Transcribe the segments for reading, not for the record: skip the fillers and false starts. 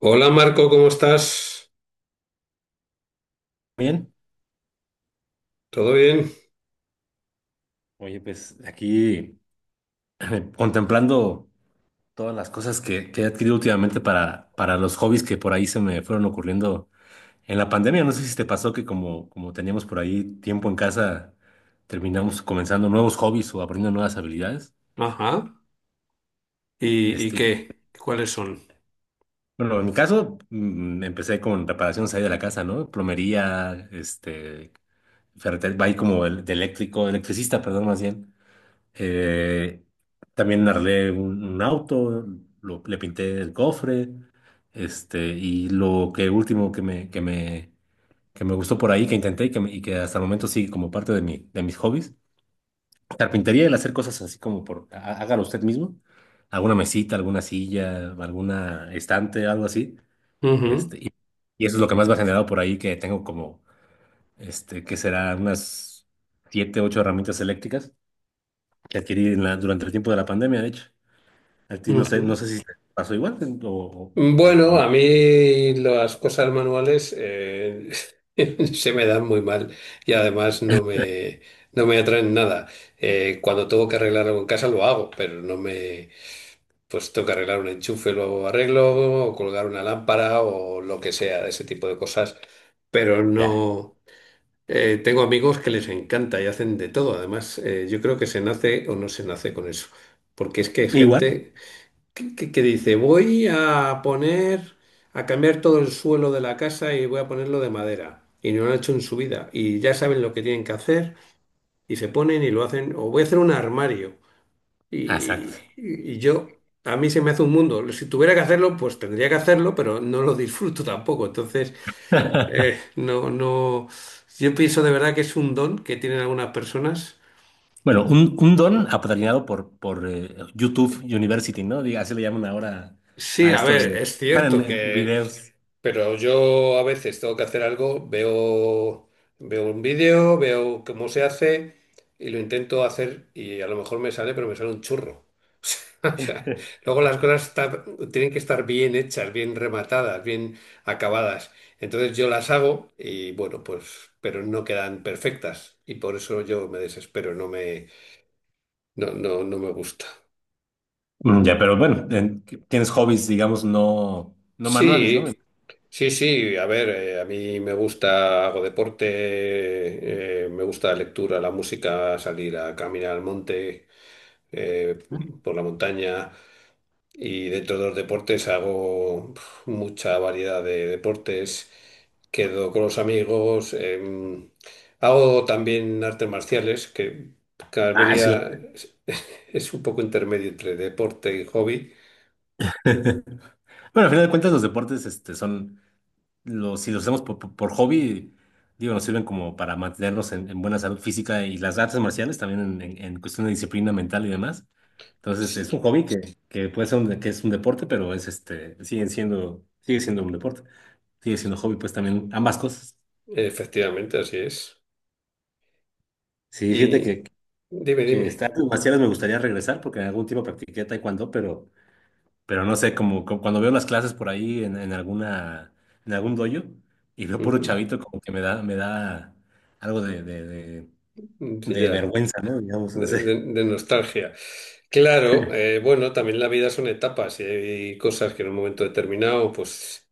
Hola Marco, ¿cómo estás? Bien, ¿Todo bien? oye, pues aquí contemplando todas las cosas que he adquirido últimamente para los hobbies que por ahí se me fueron ocurriendo en la pandemia. No sé si te pasó que como teníamos por ahí tiempo en casa, terminamos comenzando nuevos hobbies o aprendiendo nuevas habilidades. Ajá. ¿Y Este, qué? ¿Cuáles son? bueno, en mi caso empecé con reparaciones ahí de la casa, ¿no? Plomería, ferretería, va ahí como de eléctrico, electricista, perdón, más bien. Eh, también arreglé un auto, le pinté el cofre, y lo que último que me gustó por ahí, que intenté y que, y que hasta el momento sigue como parte de mis hobbies, carpintería, el hacer cosas así como hágalo usted mismo, alguna mesita, alguna silla, alguna estante, algo así, Ujú, este, y, y eso es lo que más me ha generado por ahí, que tengo como, que será unas siete, ocho herramientas eléctricas que adquirí durante el tiempo de la pandemia, de hecho. A ti no sé, no ujú. sé si te pasó igual, ¿no? O Bueno, a no. mí las cosas manuales se me dan muy mal y además no me atraen nada. Cuando tengo que arreglar algo en casa lo hago, pero no me. Pues tengo que arreglar un enchufe, lo arreglo, o colgar una lámpara o lo que sea, de ese tipo de cosas. Pero Ya. no. Tengo amigos que les encanta y hacen de todo. Además, yo creo que se nace o no se nace con eso. Porque es que hay Igual. gente que dice, voy a poner, a cambiar todo el suelo de la casa y voy a ponerlo de madera. Y no lo han hecho en su vida. Y ya saben lo que tienen que hacer y se ponen y lo hacen. O voy a hacer un armario. Ah, exacto. Y yo, a mí se me hace un mundo. Si tuviera que hacerlo, pues tendría que hacerlo, pero no lo disfruto tampoco. Entonces. No, no. Yo pienso de verdad que es un don que tienen algunas personas. Bueno, un don apadrinado por YouTube University, ¿no? Diga, así le llaman ahora Sí, a a esto ver, de es en- cierto en que, videos. pero yo a veces tengo que hacer algo, veo un vídeo, veo cómo se hace y lo intento hacer y a lo mejor me sale, pero me sale un churro. O sea, luego las cosas tienen que estar bien hechas, bien rematadas, bien acabadas. Entonces yo las hago y bueno, pues, pero no quedan perfectas y por eso yo me desespero. No, no, no me gusta. Ya, pero bueno, tienes hobbies, digamos, no, no manuales, ¿no? Sí, sí, sí. A ver, a mí me gusta, hago deporte, me gusta la lectura, la música, salir a caminar al monte, eh, por la montaña. Y dentro de los deportes hago mucha variedad de deportes. Quedo con los amigos. Hago también artes marciales, que Ah, sí. Calabria es es un poco intermedio entre deporte y hobby. Bueno, al final de cuentas, los deportes son. Si los hacemos por hobby, digo, nos sirven como para mantenernos en buena salud física y las artes marciales también en cuestión de disciplina mental y demás. Entonces, es un hobby que puede ser un deporte, pero es sigue siendo un deporte, sigue siendo hobby, pues también ambas cosas. Efectivamente, así es. Sí, fíjate Y que, dime, que dime. estas artes marciales me gustaría regresar porque en algún tiempo practiqué taekwondo, pero no sé, como cuando veo las clases por ahí en algún dojo y veo puro Ujú. chavito, como que me da algo de, de, de, Sí, de ya, vergüenza, ¿no? Digamos, no de, de- sé. de nostalgia. Claro, bueno, también la vida son etapas y hay cosas que en un momento determinado, pues,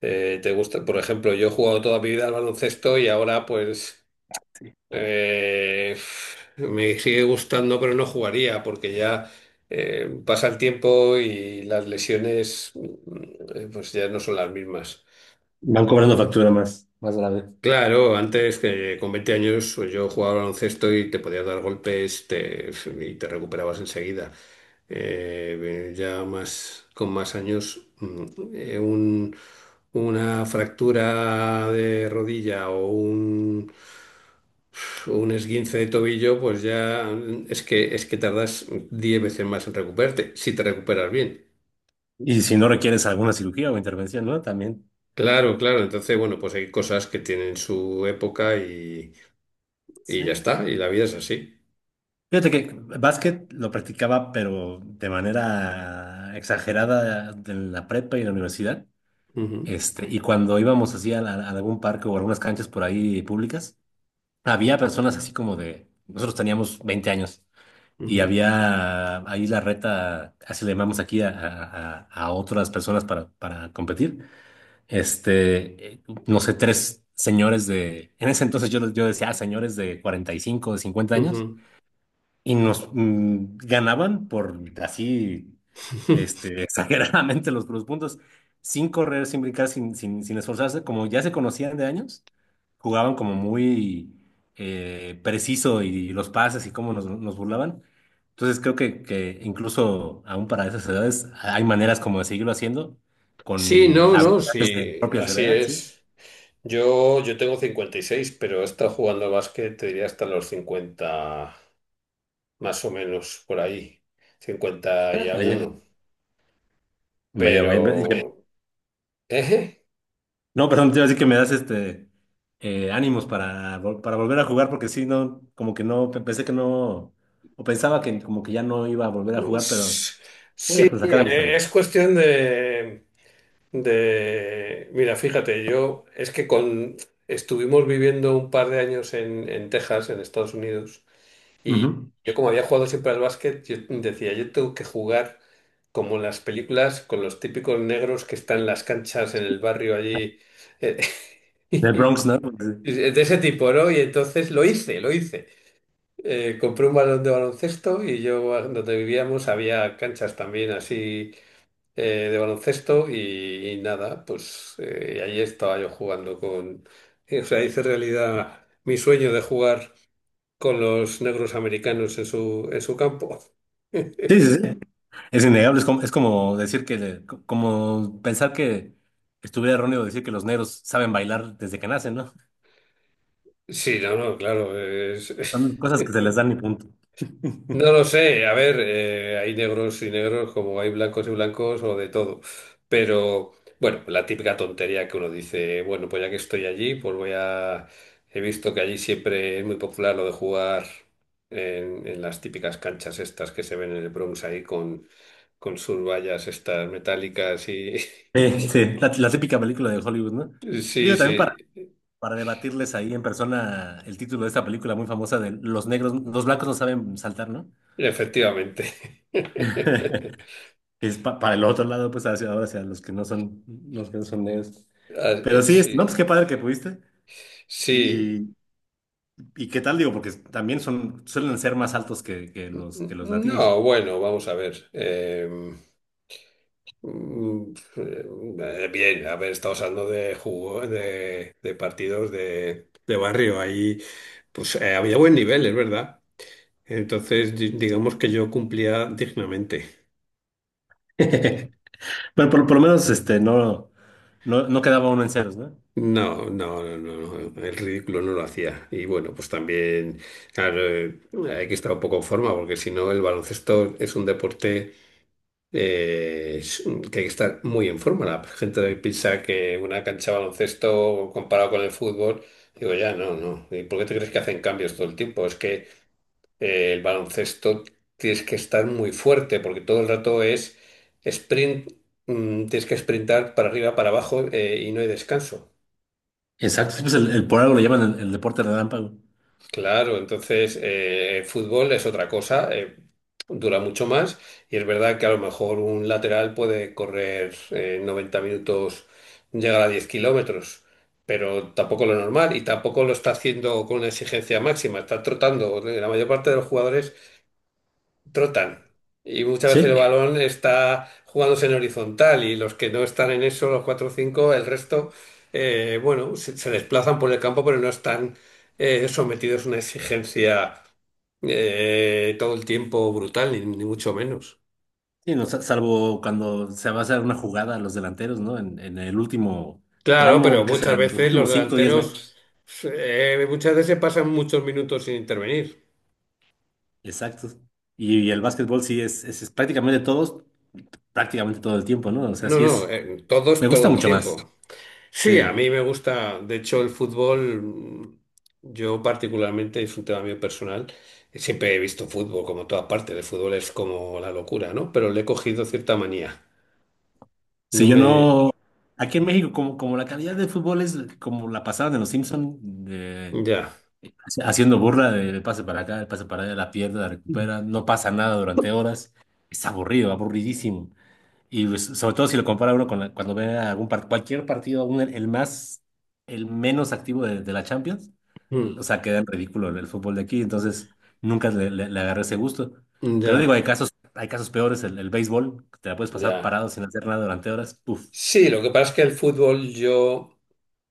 te gusta. Por ejemplo, yo he jugado toda mi vida al baloncesto y ahora, pues, Sí. eh, me sigue gustando, pero no jugaría porque ya pasa el tiempo y las lesiones, pues, ya no son las mismas. Van cobrando factura más, más grave. Claro, antes que con 20 años pues, yo jugaba al baloncesto y te podías dar golpes y te recuperabas enseguida. Ya más con más años, eh, un- una fractura de rodilla o un esguince de tobillo, pues ya es que tardas 10 veces más en recuperarte, si te recuperas bien. Y si no requieres alguna cirugía o intervención, ¿no? También. Claro, claro. Entonces, bueno, pues hay cosas que tienen su época y ya Sí. está, y la vida es así. Fíjate que básquet lo practicaba, pero de manera exagerada en la prepa y en la universidad. Ujú, Y cuando íbamos así a algún parque o algunas canchas por ahí públicas, había personas así como de, nosotros teníamos 20 años y ujú, había ahí la reta, así le llamamos aquí a otras personas para competir. No sé, tres señores de, en ese entonces yo decía, "Ah, señores de 45 de 50 años ujú. y nos ganaban por así, exageradamente los puntos, sin correr, sin brincar, sin esforzarse, como ya se conocían de años, jugaban como muy preciso y los pases y cómo nos burlaban. Entonces creo que incluso aún para esas edades hay maneras como de seguirlo haciendo Sí, con no, no, habilidades sí, propias de la así edad, ¿sí? es. Yo tengo 56, pero he estado jugando a básquet, te diría hasta los 50 más o menos por ahí, 50 y Vaya, alguno. vaya, vaya. Pero, eh, No, perdón, te iba a decir que me das ánimos para volver a jugar, porque sí, no, como que no, pensé que no, o pensaba que como que ya no iba a volver a jugar, pero es- voy sí, a sacar a mis es amigos. cuestión de, mira, fíjate, yo es que con, estuvimos viviendo un par de años en Texas, en Estados Unidos. Y Ujú. yo como había jugado siempre al básquet, yo decía, yo tengo que jugar como en las películas, con los típicos negros que están en las canchas en el barrio allí, eh, Del y Bronx, ¿no? y de ese tipo, ¿no? Y entonces lo hice, lo hice. Compré un balón de baloncesto y yo donde vivíamos había canchas también así de baloncesto y nada, pues ahí estaba yo jugando con. O sea, hice realidad mi sueño de jugar con los negros americanos en su campo. Sí, sí, sí. Sí. Es innegable, es como decir que, como pensar que estuviera erróneo decir que los negros saben bailar desde que nacen, ¿no? Sí, no, no, claro. Son cosas que se les dan y punto. No lo sé. A ver, hay negros y negros como hay blancos y blancos o de todo. Pero, bueno, la típica tontería que uno dice, bueno, pues ya que estoy allí, pues voy a. He visto que allí siempre es muy popular lo de jugar en las típicas canchas estas que se ven en el Bronx ahí con sus vallas estas metálicas y. Sí, sí, la típica película de Hollywood, ¿no? Sí, Digo, también sí. para debatirles ahí en persona el título de esta película muy famosa de Los negros, los blancos no saben saltar, ¿no? Efectivamente. Es para el otro lado, pues hacia ahora, hacia los que no son negros. Ah, Pero sí, no, pues Sí, qué padre que pudiste. Y, sí. y, y qué tal, digo, porque también suelen ser más altos que los latinos. No, bueno, vamos a ver. Bien, a ver, estamos hablando de jugo, de partidos de barrio. Ahí, pues había buen nivel, es verdad. Entonces, digamos que yo cumplía dignamente. Bueno, por lo menos no, no, no quedaba uno en ceros, ¿no? No, no, no, no, no, el ridículo no lo hacía. Y bueno, pues también, claro, hay que estar un poco en forma, porque si no, el baloncesto es un deporte es que hay que estar muy en forma. La gente hoy piensa que una cancha de baloncesto comparado con el fútbol, digo, ya, no, no. ¿Y por qué te crees que hacen cambios todo el tiempo? Es que el baloncesto tienes que estar muy fuerte porque todo el rato es sprint, tienes que sprintar para arriba, para abajo y no hay descanso. Exacto. Sí, pues por algo lo llaman el deporte relámpago. Claro, entonces el fútbol es otra cosa, dura mucho más y es verdad que a lo mejor un lateral puede correr 90 minutos, llegar a 10 kilómetros, pero tampoco lo normal y tampoco lo está haciendo con una exigencia máxima, está trotando, la mayor parte de los jugadores trotan. Y muchas veces el Sí. balón está jugándose en horizontal y los que no están en eso, los 4 o 5, el resto, bueno, se desplazan por el campo, pero no están sometidos a una exigencia todo el tiempo brutal, ni, ni mucho menos. Sí, no, salvo cuando se va a hacer una jugada a los delanteros, ¿no? En el último Claro, pero tramo, ¿qué muchas serán? Los veces los últimos 5, o 10 delanteros, metros. Muchas veces pasan muchos minutos sin intervenir. Exacto. Y el básquetbol sí es prácticamente prácticamente todo el tiempo, ¿no? O sea, No, sí no, es. Me todos todo gusta el mucho más. tiempo. Sí, a Sí. mí me gusta, de hecho el fútbol, yo particularmente, es un tema mío personal, siempre he visto fútbol como toda parte, el fútbol es como la locura, ¿no? Pero le he cogido cierta manía. No Si yo me. no. Aquí en México, como la calidad del fútbol es como la pasaban en los Simpson, de- Ya. haciendo burla de pase para acá, el pase para allá, la pierda, la Mm, recupera, no pasa nada durante horas. Es aburrido, aburridísimo. Y pues, sobre todo si lo compara uno cuando ve cualquier partido, aún el menos activo de la Champions, ya, o sea, queda en ridículo el fútbol de aquí, entonces nunca le agarré ese gusto. Pero digo, ya, hay casos peores, el béisbol, que te la puedes pasar ya. parado sin hacer nada durante horas, puf. Sí, lo que pasa es que el fútbol yo.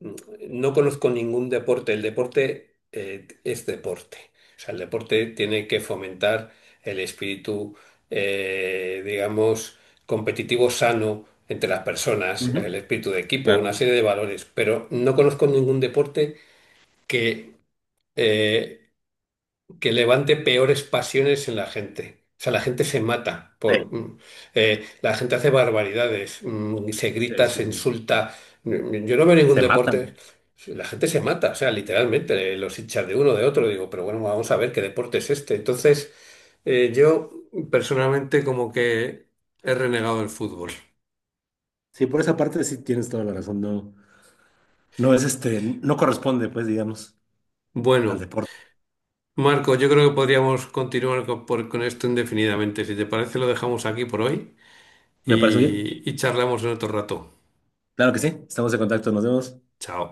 mm, no conozco ningún deporte. El deporte es deporte. O sea, el deporte tiene que fomentar el espíritu, digamos, competitivo sano entre las personas, el Ujú. espíritu de equipo, una Claro. serie de valores. Pero no conozco ningún deporte que eh, que levante peores pasiones en la gente. O sea, la gente se mata Sí. por. La gente hace barbaridades, se se, grita, se se- insulta. Yo no veo ningún se deporte. matan. La gente se mata, o sea, literalmente, los hinchas de uno, de otro. Digo, pero bueno, vamos a ver qué deporte es este. Entonces, yo personalmente como que he renegado del fútbol. Sí, por esa parte sí tienes toda la razón, no, no es no corresponde, pues, digamos, al Bueno, deporte. Marco, yo creo que podríamos continuar con esto indefinidamente. Si te parece, lo dejamos aquí por hoy ¿Me parece bien? Y charlamos en otro rato. Claro que sí, estamos en contacto, nos vemos. Chao.